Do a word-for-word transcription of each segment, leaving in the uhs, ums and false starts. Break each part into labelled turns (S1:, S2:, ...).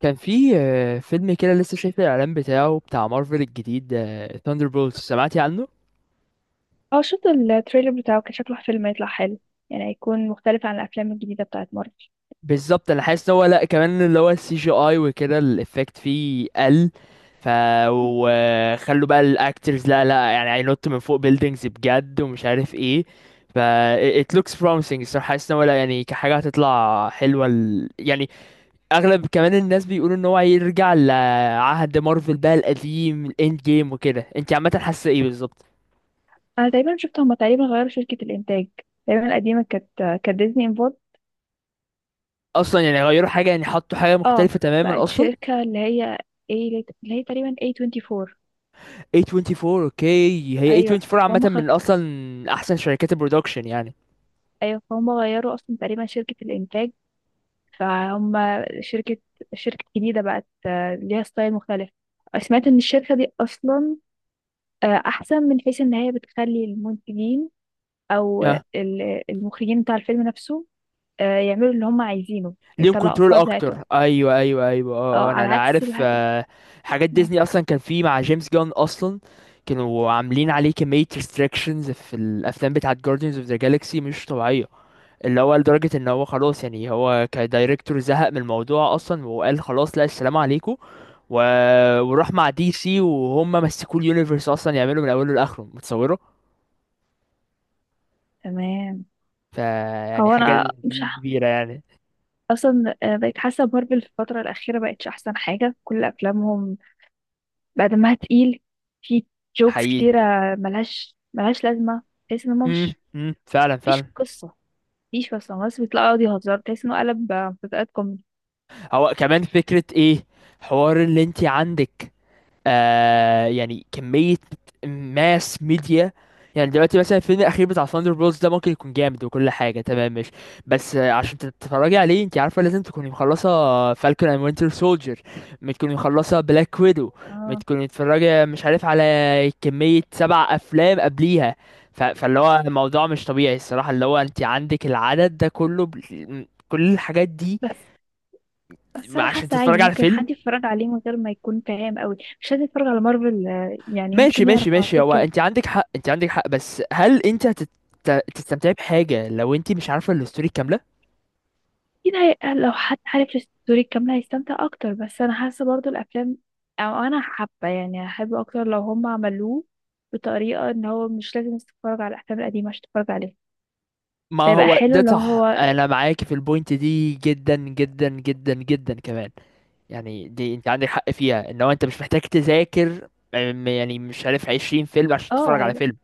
S1: كان في آه، فيلم كده لسه شايف الاعلان بتاعه بتاع مارفل الجديد، ثاندر بولز، سمعتي عنه؟
S2: اه شفت التريلر بتاعه، كان شكله فيلم هيطلع حلو. يعني هيكون مختلف عن الافلام الجديده بتاعت مارفل.
S1: بالظبط، انا حاسس ان هو، لا كمان اللي هو السي جي اي وكده الافكت فيه قل. ف وخلوا بقى الاكترز، لا لا يعني هينط من فوق بيلدينجز بجد ومش عارف ايه. ف it looks promising. الصراحه حاسس ان هو، لا يعني كحاجه هتطلع حلوه ال... يعني. اغلب كمان الناس بيقولوا ان هو هيرجع لعهد مارفل بقى القديم، الاند جيم وكده. انت عامه حاسه ايه بالظبط؟
S2: انا تقريبا شفت هما تقريبا غيروا شركه الانتاج. تقريبا القديمه كانت كانت ديزني انفولد.
S1: اصلا يعني غيروا حاجه، يعني حطوا حاجه
S2: اه،
S1: مختلفه تماما
S2: بقت
S1: اصلا.
S2: شركه اللي هي ايه اللي هي تقريبا إيه توينتي فور.
S1: ايه اربعه وعشرين، اوكي، هي
S2: ايوه
S1: ايه اربعه وعشرين عامه
S2: فهم خ...
S1: من اصلا احسن شركات البرودكشن يعني.
S2: ايوه، فهم غيروا اصلا تقريبا شركه الانتاج. فهم شركه شركه جديده بقت، آه، ليها ستايل مختلف. سمعت ان الشركه دي اصلا آه، احسن من حيث ان هي بتخلي المنتجين او
S1: اه،
S2: ال- المخرجين بتاع الفيلم نفسه، آه، يعملوا اللي هم عايزينه،
S1: ليهم
S2: يطلعوا
S1: كنترول
S2: افكار بتاعتهم.
S1: اكتر، ايوه ايوه ايوه، اه،
S2: اه،
S1: آه، انا
S2: على
S1: انا
S2: عكس
S1: عارف.
S2: الح...
S1: آه، حاجات
S2: آه،
S1: ديزني اصلا كان في مع جيمس جان اصلا. كانوا عاملين عليه كميه ريستريكشنز في الافلام بتاعه Guardians of the Galaxy مش طبيعيه. اللي هو لدرجة ان هو خلاص، يعني هو كدايركتور زهق من الموضوع اصلا وقال خلاص، لا، السلام عليكم. و... وراح مع دي سي، وهم مسكوا اليونيفرس اصلا يعملوا من اوله لاخره متصوره.
S2: تمام.
S1: فيعني
S2: هو
S1: حاجة
S2: انا مش
S1: دي
S2: ح-
S1: كبيرة يعني.
S2: اصلا آه، بقيت حاسه مارفل في الفتره الاخيره بقتش احسن حاجه. كل افلامهم بقى دمها تقيل، في جوكس
S1: حقيقي.
S2: كتيره ملهاش ملهاش لازمه. تحس ان هم مش،
S1: امم فعلا
S2: مفيش
S1: فعلا.
S2: قصه، مفيش قصه بس بيطلعوا يقعدوا يهزروا، تحس انه قلب آه، مسلسلات كوميدي.
S1: هو كمان فكرة ايه حوار اللي انت عندك؟ آه، يعني كمية ماس ميديا. يعني دلوقتي مثلا الفيلم الأخير بتاع ثاندر بولز ده ممكن يكون جامد وكل حاجة تمام، مش بس آه، عشان تتفرجي عليه انت عارفة لازم تكوني مخلصة فالكون اند وينتر سولجر، تكوني مخلصة بلاك ويدو،
S2: اه،
S1: تكوني متفرجة مش عارف على كمية سبع أفلام قبليها. ف... فاللي هو الموضوع مش طبيعي الصراحة، اللي هو انت عندك العدد ده كله ب... كل الحاجات دي
S2: بس بس انا
S1: عشان
S2: حاسه
S1: تتفرج
S2: عادي
S1: على
S2: ممكن
S1: فيلم.
S2: حد يتفرج عليه من غير ما يكون فاهم قوي، مش لازم يتفرج على مارفل، آه، يعني
S1: ماشي
S2: ممكن يعرف
S1: ماشي
S2: على
S1: ماشي،
S2: طول
S1: هو
S2: كده.
S1: انت عندك حق، انت عندك حق، بس هل انت هتت- تستمتعي بحاجة لو انت مش عارفة الستوري كاملة؟
S2: اكيد هي- لو حد عارف الستوري الكامله هيستمتع اكتر، بس انا حاسه برضو الافلام، او انا حابه يعني احب اكتر لو هم عملوه بطريقه ان هو مش لازم تتفرج على الافلام القديمه عشان تتفرج عليه.
S1: ما
S2: هيبقى
S1: هو
S2: حلو
S1: ده
S2: لو
S1: صح،
S2: هو
S1: انا معاك في البوينت دي جدا جدا جدا جدا كمان. يعني دي انت عندك حق فيها، ان هو انت مش محتاج تذاكر أم، يعني مش عارف 20 فيلم عشان
S2: اه،
S1: تتفرج على
S2: هيبقى
S1: فيلم.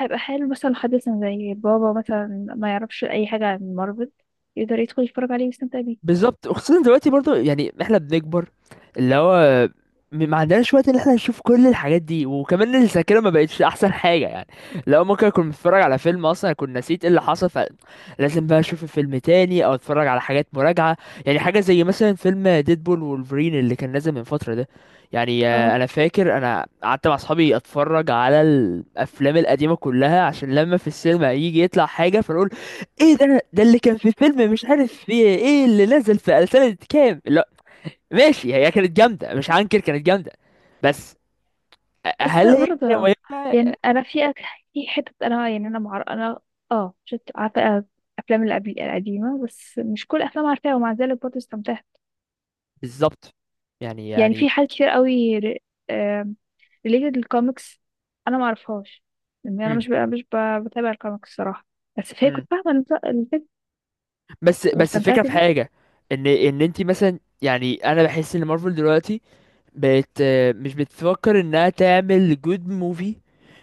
S2: هيبقى حلو مثلا لو حد مثلا زي بابا مثلا ما يعرفش اي حاجه عن مارفل، يقدر يدخل يتفرج عليه ويستمتع بيه.
S1: بالظبط، وخصوصا دلوقتي برضو يعني احنا بنكبر، اللي هو م- ما عندناش وقت ان احنا نشوف كل الحاجات دي، وكمان الذاكره ما بقتش احسن حاجه يعني. لو ممكن اكون بتفرج على فيلم اصلا اكون نسيت ايه اللي حصل، فلازم بقى اشوف الفيلم تاني او اتفرج على حاجات مراجعه. يعني حاجه زي مثلا فيلم ديدبول وولفرين اللي كان نازل من فتره ده، يعني
S2: اه،
S1: آه، انا فاكر انا قعدت مع اصحابي اتفرج على الافلام القديمه كلها عشان لما في السينما يجي يطلع حاجه فنقول، ايه ده ده اللي كان في فيلم مش عارف، في ايه اللي نزل في سنة كام؟ لا ماشي، هي كانت جامدة مش هنكر، كانت جامدة. بس
S2: بس
S1: هل هي
S2: برضه
S1: مهمة؟
S2: يعني انا في أك- في حتة، انا يعني انا معر... انا اه شفت، عارفة افلام القبل القديمة بس مش كل افلام عارفاها، ومع ذلك برضه استمتعت.
S1: بالظبط. يعني
S2: يعني
S1: يعني
S2: في حاجات كتير قوي ريليتد للكوميكس انا ما اعرفهاش. يعني انا
S1: مم.
S2: مش ب... مش ب... بتابع الكوميكس الصراحة، بس هي
S1: مم.
S2: كنت فاهمة الف- الفيلم
S1: بس بس الفكرة
S2: واستمتعت
S1: في
S2: بيه.
S1: حاجة، ان ان انت مثلا، يعني انا بحس ان مارفل دلوقتي بقت آه، مش بتفكر انها تعمل جود موفي،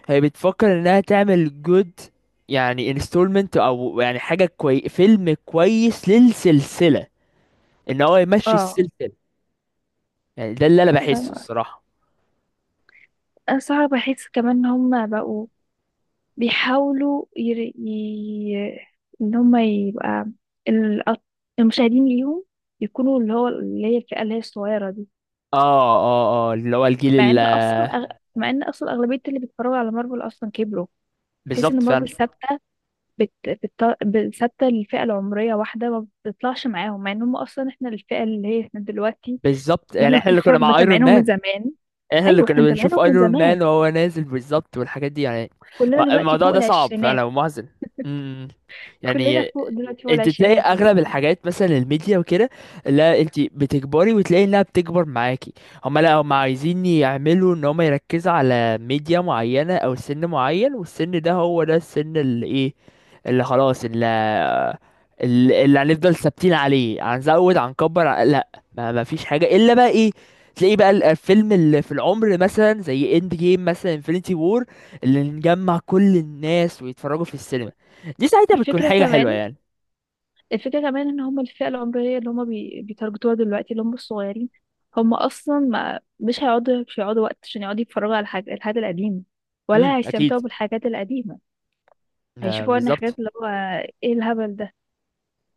S1: هي بتفكر انها تعمل جود، يعني انستولمنت، او يعني حاجة كوي، فيلم كويس للسلسلة، ان هو يمشي
S2: اه،
S1: السلسله. يعني ده اللي انا بحسه
S2: فاهمة.
S1: الصراحه.
S2: انا صراحة بحس كمان ان هم بقوا بيحاولوا ير... ي... ان هم يبقى، الأط- المشاهدين ليهم يكونوا اللي هو اللي هي الفئة اللي هي الصغيرة دي.
S1: اه اه اه اللي هو الجيل
S2: مع
S1: ال-
S2: ان اصلا أغ... مع ان اصلا اغلبية اللي بيتفرجوا على مارفل اصلا كبروا. تحس
S1: بالظبط
S2: ان
S1: فعلا.
S2: مارفل ثابتة، بت... بت... بت... ثابتة للفئة العمرية واحدة، ما بتطلعش معاهم، مع ان هم اصلا احنا الفئة اللي هي احنا دلوقتي،
S1: بالظبط،
S2: اللي
S1: يعني
S2: احنا
S1: احنا اللي كنا
S2: بنتفرج
S1: مع ايرون
S2: متابعينهم من
S1: مان،
S2: زمان.
S1: احنا اللي
S2: ايوه، احنا
S1: كنا بنشوف
S2: متابعينهم من
S1: ايرون مان
S2: زمان،
S1: وهو نازل بالظبط والحاجات دي يعني.
S2: كلنا
S1: ما-
S2: دلوقتي
S1: الموضوع
S2: فوق
S1: ده صعب
S2: العشرينات.
S1: فعلا ومحزن. امم
S2: كلنا
S1: يعني
S2: فوق دلوقتي فوق
S1: انت تلاقي
S2: العشرينات. بس
S1: اغلب الحاجات مثلا الميديا وكده، لا انت بتكبري وتلاقي انها بتكبر معاكي. هما لا، هما عايزين يعملوا ان هما يركزوا على ميديا معينة او سن معين، والسن ده هو ده السن اللي ايه، اللي خلاص، اللي ال- اللي هنفضل ثابتين عليه. هنزود، هنكبر، ع- لا، ما ما فيش حاجه الا بقى ايه، تلاقيه بقى ال- الفيلم اللي في العمر، مثلا زي اند جيم مثلا، انفينيتي وور، اللي نجمع كل الناس ويتفرجوا في السينما، دي ساعتها بتكون
S2: الفكرة
S1: حاجه حلوه
S2: كمان
S1: يعني.
S2: الفكرة كمان ان هم الفئة العمرية اللي هم بي... بيتارجتوها دلوقتي اللي هم الصغيرين. هم اصلا ما... مش هيقعدوا، مش هيقعدوا وقت عشان يقعدوا يتفرجوا على الحاجة الحاجة القديمة،
S1: امم
S2: ولا
S1: اكيد.
S2: هيستمتعوا بالحاجات القديمة.
S1: ما
S2: هيشوفوا ان
S1: بالظبط.
S2: حاجات اللي هو ايه الهبل ده.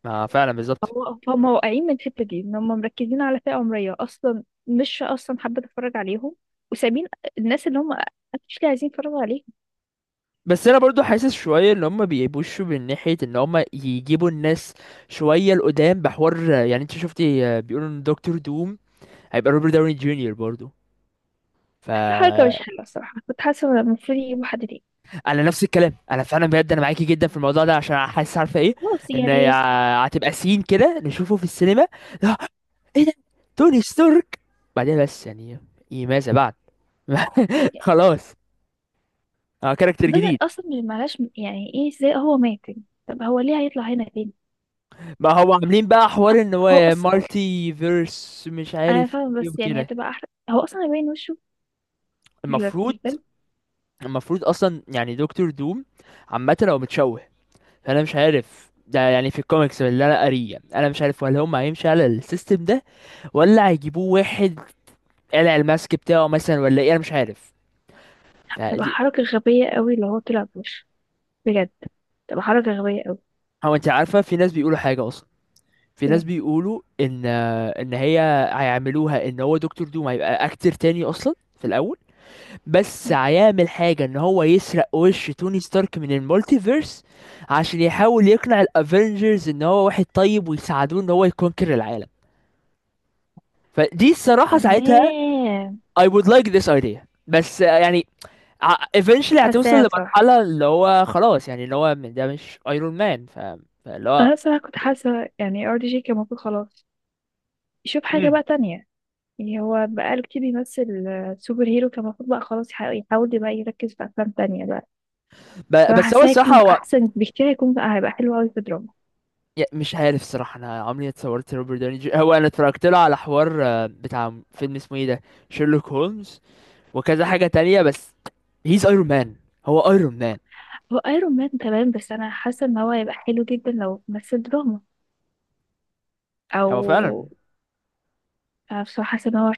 S1: ما فعلا، بالظبط.
S2: هو هم واقعين من الحتة دي، ان هم مركزين على فئة عمرية اصلا مش اصلا حابة تتفرج عليهم، وسابين الناس اللي هم actually عايزين يتفرجوا عليهم.
S1: بس انا برضو حاسس شويه ان هم بيبوشوا من ناحيه ان هم يجيبوا الناس شويه لقدام بحوار. يعني انت شفتي آه، بيقولوا ان دكتور دوم هيبقى روبرت داوني جونيور برضو. ف
S2: حتى حركة مش حلوة الصراحة، كنت حاسة إن المفروض يجيبوا حد تاني.
S1: انا نفس الكلام، انا فعلا بجد انا معاكي جدا في الموضوع ده، عشان حاسس، عارفه ايه،
S2: خلاص
S1: ان
S2: يعني،
S1: يع- هتبقى سين كده نشوفه في السينما، لا، ايه ده، توني ستارك؟ بعدين بس يعني، ايه ماذا بعد؟ خلاص، اه، كاركتر
S2: بدأ
S1: جديد.
S2: اصلا من- معلش، يعني ايه، ازاي هو مات يعني؟ طب هو ليه هيطلع هنا تاني؟
S1: ما هو عاملين بقى حوار ان
S2: هو
S1: هو
S2: اصلا
S1: مالتي فيرس مش
S2: انا
S1: عارف
S2: فاهمه،
S1: ايه
S2: بس يعني
S1: وكده.
S2: هتبقى احرق هو اصلا يبين وشه في
S1: المفروض
S2: الفيلم.
S1: المفروض اصلا يعني دكتور دوم عامه هو متشوه، فانا مش عارف ده يعني، في الكوميكس اللي انا قاريه انا مش عارف ولا هم هيمشي على السيستم ده، ولا هيجيبوه واحد قلع الماسك بتاعه مثلا، ولا ايه انا مش عارف.
S2: هتبقى
S1: فدي.
S2: حركه غبيه قوي اللي هو طلع بوشه، بجد تبقى حركه غبيه قوي.
S1: هو انت عارفه في ناس بيقولوا حاجه اصلا، في ناس
S2: إيه.
S1: بيقولوا ان ان هي هيعملوها ان هو دكتور دوم هيبقى اكتر تاني اصلا في الاول، بس هيعمل حاجه ان هو يسرق وش توني ستارك من المولتيفيرس عشان يحاول يقنع الافنجرز ان هو واحد طيب ويساعدوه ان هو يكونكر العالم. فدي الصراحه ساعتها
S2: تمام.
S1: I would like this idea. بس يعني ع- eventually هتوصل
S2: حاساها بصراحه.
S1: لمرحلة اللي هو خلاص، يعني اللي هو م- ده مش ايرون مان. ف... فاللي هو
S2: انا بصراحه كنت حاسه يعني ار دي جي كان المفروض خلاص يشوف حاجه
S1: مم.
S2: بقى تانية. يعني هو بقاله كتير بيمثل آه، سوبر هيرو، كان المفروض بقى خلاص يح- يحاول بقى يركز في افلام تانية بقى.
S1: ب... بس هو
S2: فحاساه
S1: الصراحة
S2: هيكون
S1: هو،
S2: احسن بكتير، هيكون هيبقى حلو قوي في دراما.
S1: يا- مش عارف الصراحة، انا عمري ما اتصورت روبرت داوني جي... هو انا اتفرجت له على حوار آه، بتاع فيلم اسمه ايه ده، شيرلوك هولمز وكذا حاجة تانية، بس هيز ايرون مان، هو ايرون مان.
S2: هو ايرون مان تمام، بس انا حاسه ان هو هيبقى حلو جدا لو مثل دراما،
S1: هو
S2: او
S1: فعلا.
S2: أنا بصراحه حاسه ان هو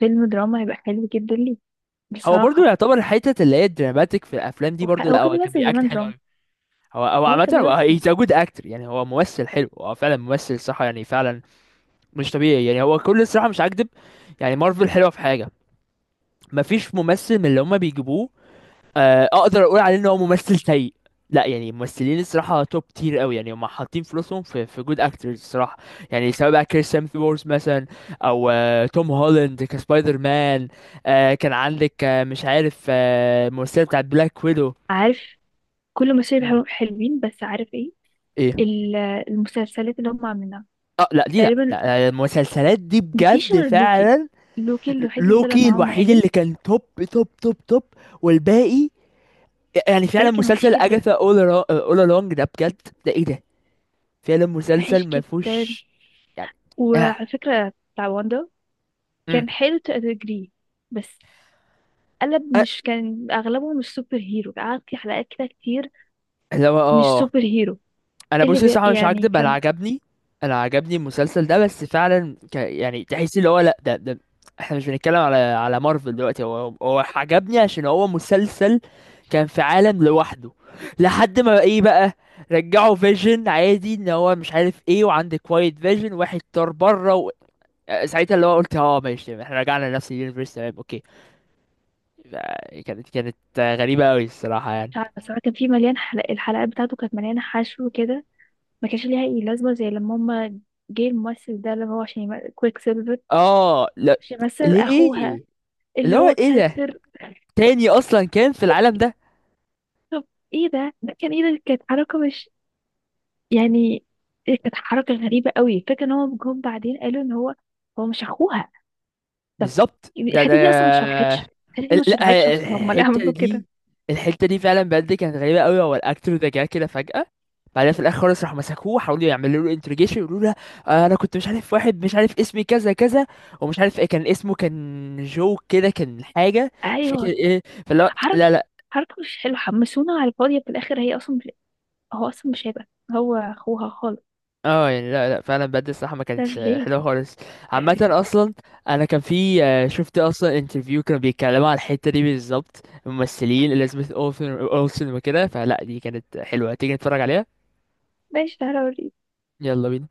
S2: فيلم دراما هيبقى حلو جدا ليه
S1: هو برضو
S2: بصراحه.
S1: يعتبر الحتة اللي هي الدراماتيك في الافلام دي برضو،
S2: وح- هو
S1: لا
S2: كان
S1: هو كان
S2: بيمثل
S1: بيأكت
S2: زمان
S1: حلو
S2: دراما،
S1: قوي. هو هو
S2: هو
S1: عامة
S2: كان
S1: هو
S2: بيمثل.
S1: he's a good actor، يعني هو ممثل حلو، هو فعلا ممثل صح يعني فعلا. مش طبيعي يعني، هو كل الصراحه مش هكدب، يعني مارفل حلوه في حاجه، مفيش ممثل من اللي هما بيجيبوه آه، اقدر اقول عليه ان هو ممثل سيء، لا يعني ممثلين الصراحه توب تير قوي، يعني هما حاطين فلوسهم في في جود اكترز الصراحه. يعني سواء بقى كريس هيمثورث مثلا، او آه، توم هولاند كسبايدر مان، آه، كان عندك آه، مش عارف آه، الممثله بتاعت بلاك ويدو.
S2: عارف، كل مشاهد
S1: مم.
S2: حلو- حلوين، بس عارف ايه
S1: ايه؟
S2: ال- المسلسلات اللي هم عاملينها؟
S1: اه لا دي، لا
S2: تقريبا
S1: لا المسلسلات دي
S2: مفيش
S1: بجد
S2: غير لوكي،
S1: فعلا.
S2: لوكي الوحيد اللي طلع
S1: لوكي
S2: معاهم
S1: الوحيد
S2: عادل،
S1: اللي كان توب، توب توب توب. والباقي يعني فعلا
S2: الباقي كان وحش
S1: مسلسل
S2: جدا،
S1: اجاثا، اول اول along ده بجد، ده ايه ده، فعلا مسلسل
S2: وحش
S1: ما
S2: جدا.
S1: فيهوش يعني. آه.
S2: وعلى فكره بتاع واندا
S1: مم.
S2: كان حلو تجريه، بس قلب،
S1: آه.
S2: مش، كان اغلبه مش سوبر هيرو، قعد في حلقات كده كتير
S1: اللي هو
S2: مش
S1: اه،
S2: سوبر هيرو،
S1: انا
S2: اللي
S1: بصي
S2: بي
S1: صراحه مش
S2: يعني
S1: هكدب انا
S2: كان
S1: عجبني، انا عجبني المسلسل ده، بس فعلا ك... يعني تحس اللي هو لا، ده, ده احنا مش بنتكلم على على مارفل دلوقتي. هو هو عجبني عشان هو مسلسل كان في عالم لوحده، لحد ما ايه بقى، رجعوا فيجن عادي ان هو مش عارف ايه، وعندك كوايت فيجن واحد طار بره و... ساعتها اللي هو قلت اه ماشي، احنا رجعنا لنفس اليونيفرس تمام اوكي. آه، كانت كانت غريبة قوي الصراحة يعني.
S2: مش عارفة صراحة، كان في مليان حلق الحلقات بتاعته كانت مليانة حشو كده، ما كانش ليها اي لازمة، زي لما هما جه الممثل ده اللي هو عشان يم- كويك سيلفر،
S1: اه لا.
S2: عشان يمثل اخوها
S1: ليه؟ اللي
S2: اللي
S1: هو
S2: هو
S1: ايه ده
S2: كاركتر.
S1: تاني اصلا كان في العالم ده؟
S2: طب ايه ده ده كان ايه ده، كانت حركة مش يعني، إيه، كانت حركة غريبة قوي، فكرة ان هو جم بعدين قالوا ان هو هو مش اخوها. طب
S1: بالظبط، ده ده
S2: الحته دي اصلا ما اتشرحتش، الحته دي ما
S1: ال-
S2: اتشرحتش
S1: لا
S2: اصلا، هم اللي
S1: الحته
S2: عملوا
S1: دي،
S2: كده.
S1: الحته دي فعلا بجد كانت غريبه قوي. هو الاكتور ده جه كده فجاه، بعدين في الاخر خالص راحوا مسكوه حاولوا يعملوا له انتروجيشن يقولوا له آه، انا كنت مش عارف واحد مش عارف اسمي كذا كذا، ومش عارف ايه كان اسمه، كان جو كده، كان حاجه مش فاكر
S2: ايوه،
S1: ايه، فلا
S2: حركه،
S1: لا لا.
S2: حركه مش حلوه، حمسونا على الفاضيه، في الاخر هي اصلا، هو اصلا مش هيبقى هو اخوها خالص.
S1: اه يعني لا لا فعلا بجد الصراحه ما
S2: ده
S1: كانتش آه،
S2: ليه؟
S1: حلوه خالص عامه اصلا. انا كان في آه، شفت اصلا انترفيو كانوا بيتكلموا على الحته دي بالظبط، الممثلين اليزابيث اولسن اولسن وكده، فلا دي كانت حلوه، تيجي نتفرج عليها.
S2: ماشي، تعالى اوريك.
S1: يلا بينا.